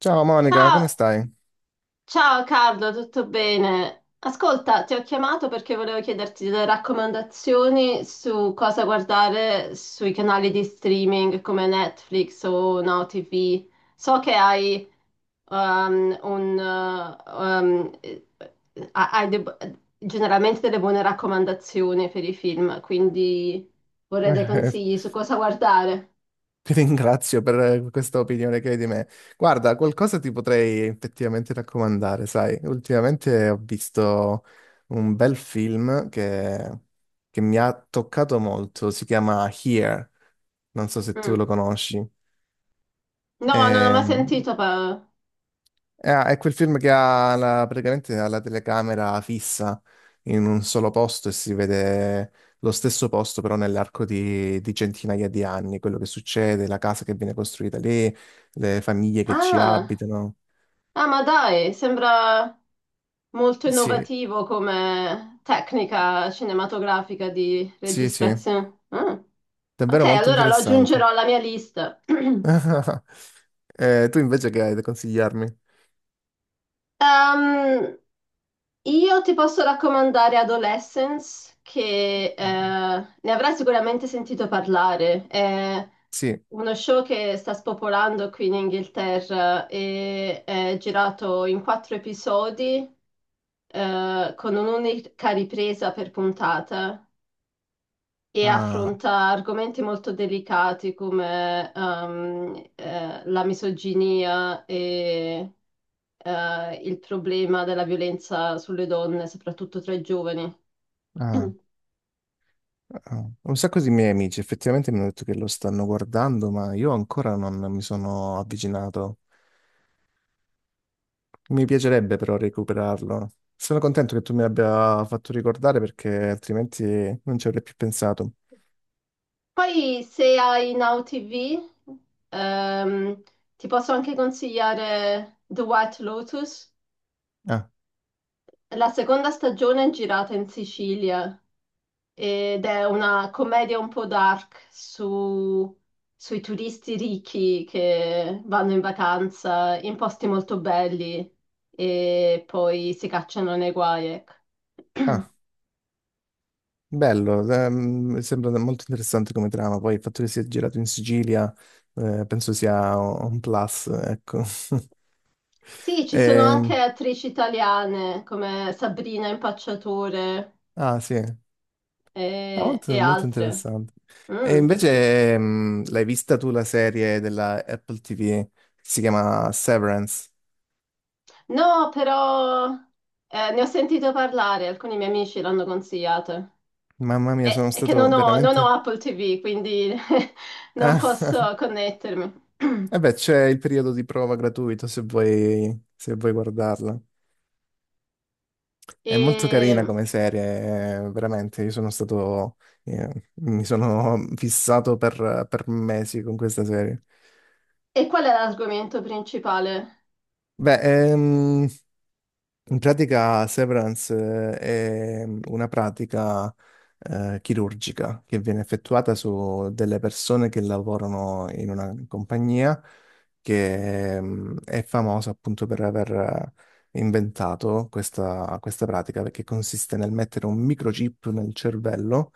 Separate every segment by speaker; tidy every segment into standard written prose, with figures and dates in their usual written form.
Speaker 1: Ciao Monica, come
Speaker 2: Ciao,
Speaker 1: stai?
Speaker 2: ciao Carlo, tutto bene? Ascolta, ti ho chiamato perché volevo chiederti delle raccomandazioni su cosa guardare sui canali di streaming come Netflix o Now TV. So che hai um, un... uh, um, eh, generalmente delle buone raccomandazioni per i film, quindi vorrei dei consigli su cosa guardare.
Speaker 1: Ti ringrazio per questa opinione che hai di me. Guarda, qualcosa ti potrei effettivamente raccomandare, sai? Ultimamente ho visto un bel film che mi ha toccato molto, si chiama Here, non so se tu lo
Speaker 2: Mm.
Speaker 1: conosci.
Speaker 2: No, non ho
Speaker 1: Eh,
Speaker 2: mai sentito.
Speaker 1: È quel film che praticamente ha la telecamera fissa in un solo posto e si vede lo stesso posto però nell'arco di centinaia di anni, quello che succede, la casa che viene costruita lì, le famiglie che ci
Speaker 2: Ah,
Speaker 1: abitano.
Speaker 2: ah, ma dai, sembra. Molto
Speaker 1: Sì,
Speaker 2: innovativo come tecnica cinematografica di
Speaker 1: sì, sì,
Speaker 2: registrazione. Ah, ok,
Speaker 1: davvero molto
Speaker 2: allora lo
Speaker 1: interessante.
Speaker 2: aggiungerò alla mia lista.
Speaker 1: Tu invece che hai da consigliarmi?
Speaker 2: Ehm, io ti posso raccomandare Adolescence, che
Speaker 1: Eh,
Speaker 2: ne avrai sicuramente sentito parlare. È
Speaker 1: Sì,
Speaker 2: uno show che sta spopolando qui in Inghilterra e è girato in quattro episodi con un'unica ripresa per puntata. E
Speaker 1: ah,
Speaker 2: affronta argomenti molto delicati come la misoginia e il problema della violenza sulle donne, soprattutto tra i giovani.
Speaker 1: ah. Ah, un sacco di miei amici effettivamente mi hanno detto che lo stanno guardando, ma io ancora non mi sono avvicinato. Mi piacerebbe però recuperarlo. Sono contento che tu mi abbia fatto ricordare, perché altrimenti non ci avrei più pensato.
Speaker 2: Poi se hai Now TV, ehm, ti posso anche consigliare The White Lotus.
Speaker 1: Ah,
Speaker 2: La seconda stagione è girata in Sicilia ed è una commedia un po' dark sui turisti ricchi che vanno in vacanza in posti molto belli e poi si cacciano nei guai. Ecco.
Speaker 1: ah, bello, sembra molto interessante come trama. Poi il fatto che sia girato in Sicilia, penso sia un plus, ecco.
Speaker 2: Sì, ci sono anche
Speaker 1: Ehm,
Speaker 2: attrici italiane come Sabrina Impacciatore
Speaker 1: ah, sì. Ah,
Speaker 2: e
Speaker 1: molto, molto
Speaker 2: altre.
Speaker 1: interessante. E
Speaker 2: Mm.
Speaker 1: invece, l'hai vista tu la serie della Apple TV? Si chiama Severance.
Speaker 2: No, però ne ho sentito parlare, alcuni miei amici l'hanno consigliato.
Speaker 1: Mamma mia,
Speaker 2: È
Speaker 1: sono
Speaker 2: è che non
Speaker 1: stato
Speaker 2: ho, non ho
Speaker 1: veramente...
Speaker 2: Apple TV, quindi non
Speaker 1: Ah,
Speaker 2: posso connettermi.
Speaker 1: e beh, c'è il periodo di prova gratuito se vuoi, se vuoi guardarla. È molto
Speaker 2: E,
Speaker 1: carina come serie, veramente. Io sono stato... mi sono fissato per mesi con questa serie.
Speaker 2: e qual è l'argomento principale?
Speaker 1: Beh, in pratica, Severance è una pratica chirurgica che viene effettuata su delle persone che lavorano in una compagnia che è famosa appunto per aver inventato questa pratica, perché consiste nel mettere un microchip nel cervello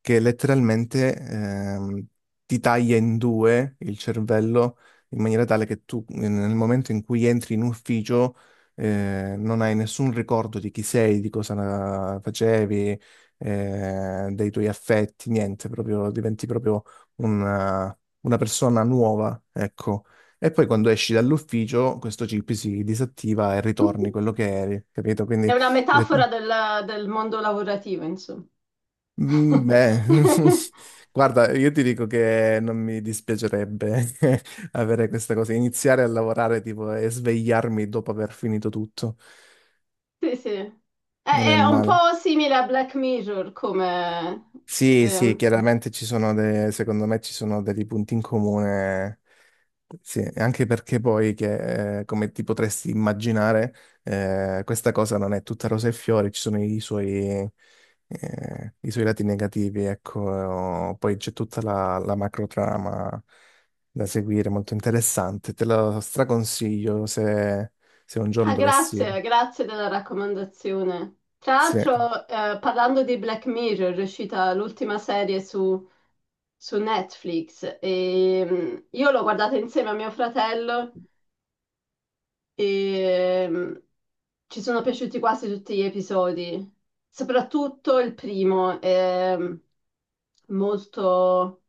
Speaker 1: che letteralmente ti taglia in due il cervello in maniera tale che tu nel momento in cui entri in ufficio non hai nessun ricordo di chi sei, di cosa facevi, dei tuoi affetti, niente, proprio diventi proprio una persona nuova, ecco. E poi quando esci dall'ufficio, questo chip si disattiva e ritorni quello che eri, capito?
Speaker 2: È
Speaker 1: Quindi,
Speaker 2: una
Speaker 1: le-
Speaker 2: metafora del mondo lavorativo, insomma.
Speaker 1: mm, beh, guarda, io ti dico che non mi dispiacerebbe avere questa cosa, iniziare a lavorare tipo e svegliarmi dopo aver finito tutto,
Speaker 2: Sì, sì. È,
Speaker 1: non è
Speaker 2: è un
Speaker 1: male.
Speaker 2: po' simile a Black Mirror come...
Speaker 1: Sì, sì,
Speaker 2: ehm,
Speaker 1: chiaramente ci sono dei, secondo me ci sono dei punti in comune, sì, anche perché poi che, come ti potresti immaginare, questa cosa non è tutta rose e fiori, ci sono i suoi lati negativi, ecco, poi c'è tutta la macrotrama da seguire, molto interessante, te lo straconsiglio se, se un giorno
Speaker 2: ah,
Speaker 1: dovessi,
Speaker 2: grazie, grazie della raccomandazione. Tra
Speaker 1: sì.
Speaker 2: l'altro, parlando di Black Mirror, è uscita l'ultima serie su Netflix e io l'ho guardata insieme a mio fratello e ci sono piaciuti quasi tutti gli episodi, soprattutto il primo, è molto,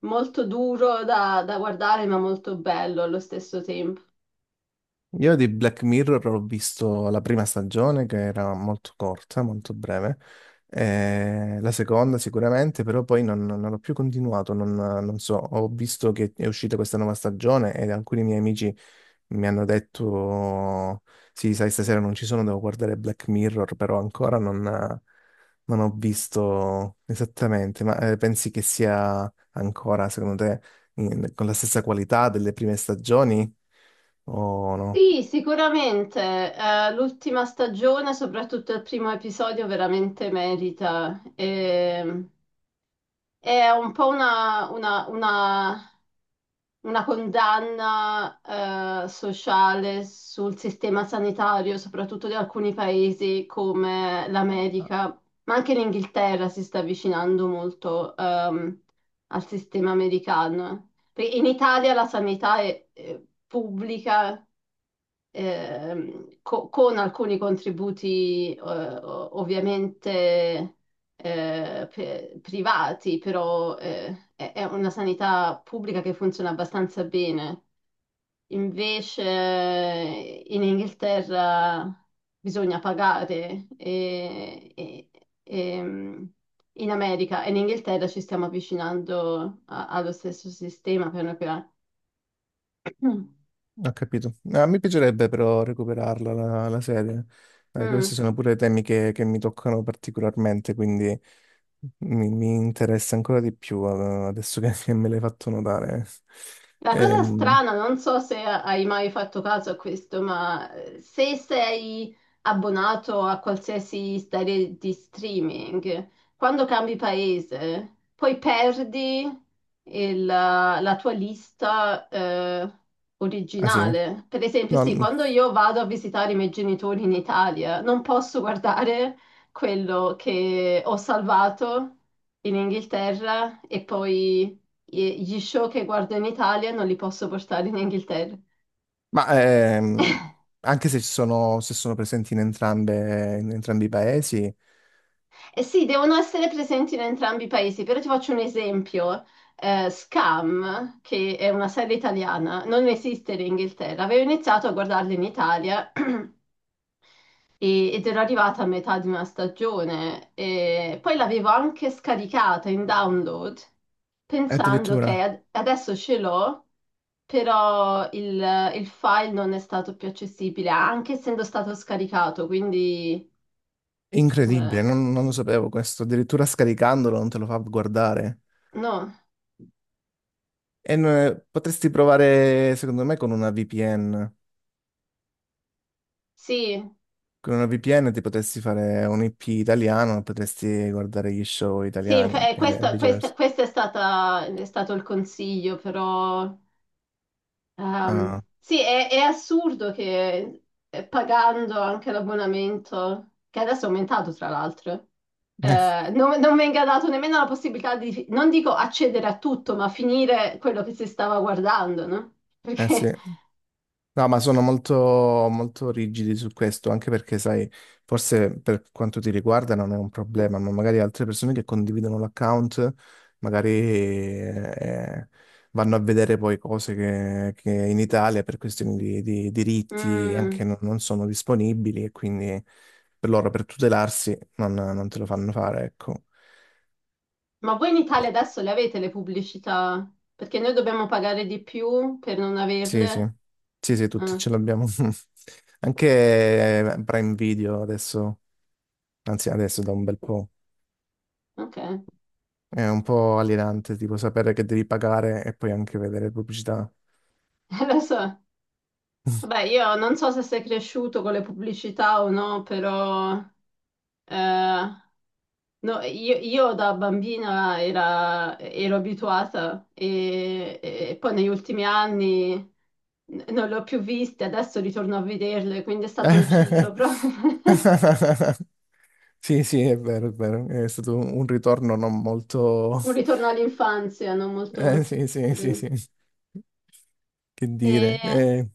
Speaker 2: molto duro da guardare ma molto bello allo stesso tempo.
Speaker 1: Io di Black Mirror ho visto la prima stagione che era molto corta, molto breve, la seconda sicuramente, però poi non l'ho più continuato, non so, ho visto che è uscita questa nuova stagione e alcuni miei amici mi hanno detto, sì, sai, stasera non ci sono, devo guardare Black Mirror, però ancora non ho visto esattamente, ma pensi che sia ancora, secondo te, con la stessa qualità delle prime stagioni o no?
Speaker 2: Sì, sicuramente, l'ultima stagione, soprattutto il primo episodio, veramente merita. E, è un po' una una condanna sociale sul sistema sanitario, soprattutto di alcuni paesi come l'America, ma anche l'Inghilterra si sta avvicinando molto al sistema americano. Perché in Italia la sanità è pubblica, con alcuni contributi ovviamente privati, però è una sanità pubblica che funziona abbastanza bene. Invece in Inghilterra bisogna pagare e- ehm, in America e in Inghilterra ci stiamo avvicinando allo stesso sistema piano piano.
Speaker 1: Ho capito. No, mi piacerebbe però recuperarla la serie.
Speaker 2: Mm.
Speaker 1: Dai, questi
Speaker 2: Mm.
Speaker 1: sono pure temi che mi toccano particolarmente, quindi mi interessa ancora di più adesso che me l'hai fatto notare.
Speaker 2: La cosa
Speaker 1: Ehm,
Speaker 2: strana, non so se hai mai fatto caso a questo, ma se sei abbonato a qualsiasi serie di streaming, quando cambi paese, poi perdi la tua lista,
Speaker 1: ah, sì?
Speaker 2: originale. Per esempio,
Speaker 1: No,
Speaker 2: sì,
Speaker 1: n-
Speaker 2: quando io vado a visitare i miei genitori in Italia, non posso guardare quello che ho salvato in Inghilterra e poi gli show che guardo in Italia non li posso portare in Inghilterra.
Speaker 1: ma ehm, anche se ci sono, se sono presenti in entrambe, in entrambi i paesi,
Speaker 2: E sì, devono essere presenti in entrambi i paesi, però ti faccio un esempio. Scam, che è una serie italiana, non esiste in Inghilterra. Avevo iniziato a guardarla in Italia ed ero arrivata a metà di una stagione e poi l'avevo anche scaricata in download pensando che
Speaker 1: addirittura
Speaker 2: adesso ce l'ho. Però il file non è stato più accessibile, anche essendo stato scaricato, quindi eh,
Speaker 1: incredibile, non lo sapevo questo. Addirittura scaricandolo non te lo fa guardare.
Speaker 2: no,
Speaker 1: Potresti provare, secondo me, con una VPN.
Speaker 2: sì,
Speaker 1: Con una VPN ti potresti fare un IP italiano, potresti guardare gli show italiani e
Speaker 2: questo,
Speaker 1: viceversa.
Speaker 2: questo è è stato il consiglio, però
Speaker 1: Ah,
Speaker 2: sì, è assurdo che pagando anche l'abbonamento, che adesso è aumentato tra l'altro,
Speaker 1: eh,
Speaker 2: non venga dato nemmeno la possibilità di, non dico accedere a tutto, ma finire quello che si stava guardando, no?
Speaker 1: eh
Speaker 2: Perché...
Speaker 1: sì. No, ma sono molto, molto rigidi su questo, anche perché, sai, forse per quanto ti riguarda non è un problema, ma magari altre persone che condividono l'account, magari vanno a vedere poi cose che in Italia per questioni di diritti
Speaker 2: mm,
Speaker 1: anche non sono disponibili e quindi per loro, per tutelarsi, non te lo fanno fare, ecco.
Speaker 2: ma voi in
Speaker 1: Boh.
Speaker 2: Italia adesso le avete le pubblicità? Perché noi dobbiamo pagare di più per non
Speaker 1: Sì, sì,
Speaker 2: averle?
Speaker 1: sì, sì, tutti
Speaker 2: Ah,
Speaker 1: ce l'abbiamo. Anche Prime Video adesso. Anzi, adesso da un bel po'.
Speaker 2: ok,
Speaker 1: È un po' alienante, tipo sapere che devi pagare e poi anche vedere pubblicità.
Speaker 2: lo so. Vabbè, io non so se sei cresciuto con le pubblicità o no, però eh, no, io da bambina ero abituata e poi negli ultimi anni non le ho più viste, adesso ritorno a vederle, quindi è stato un ciclo proprio.
Speaker 1: Sì, sì, è vero, è vero. È stato un ritorno non molto...
Speaker 2: Un ritorno all'infanzia, non molto...
Speaker 1: Sì, sì, sì,
Speaker 2: credo.
Speaker 1: sì. Che dire.
Speaker 2: E,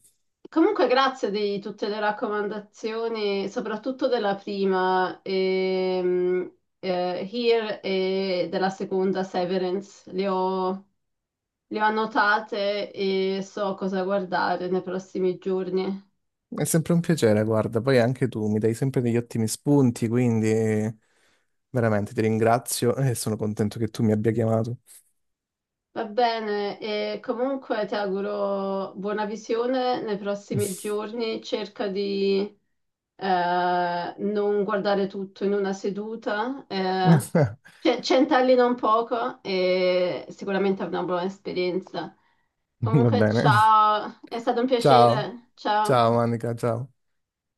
Speaker 2: comunque grazie di tutte le raccomandazioni, soprattutto della prima, Here e della seconda Severance. Le ho annotate e so cosa guardare nei prossimi giorni.
Speaker 1: È sempre un piacere, guarda. Poi anche tu mi dai sempre degli ottimi spunti, quindi veramente ti ringrazio e sono contento che tu mi abbia chiamato.
Speaker 2: Va bene, e comunque ti auguro buona visione nei prossimi giorni. Cerca di non guardare tutto in una seduta, cioè, centellina un poco e sicuramente è una buona esperienza.
Speaker 1: Va
Speaker 2: Comunque,
Speaker 1: bene.
Speaker 2: ciao, è stato un
Speaker 1: Ciao,
Speaker 2: piacere.
Speaker 1: ciao
Speaker 2: Ciao.
Speaker 1: Manica, ciao.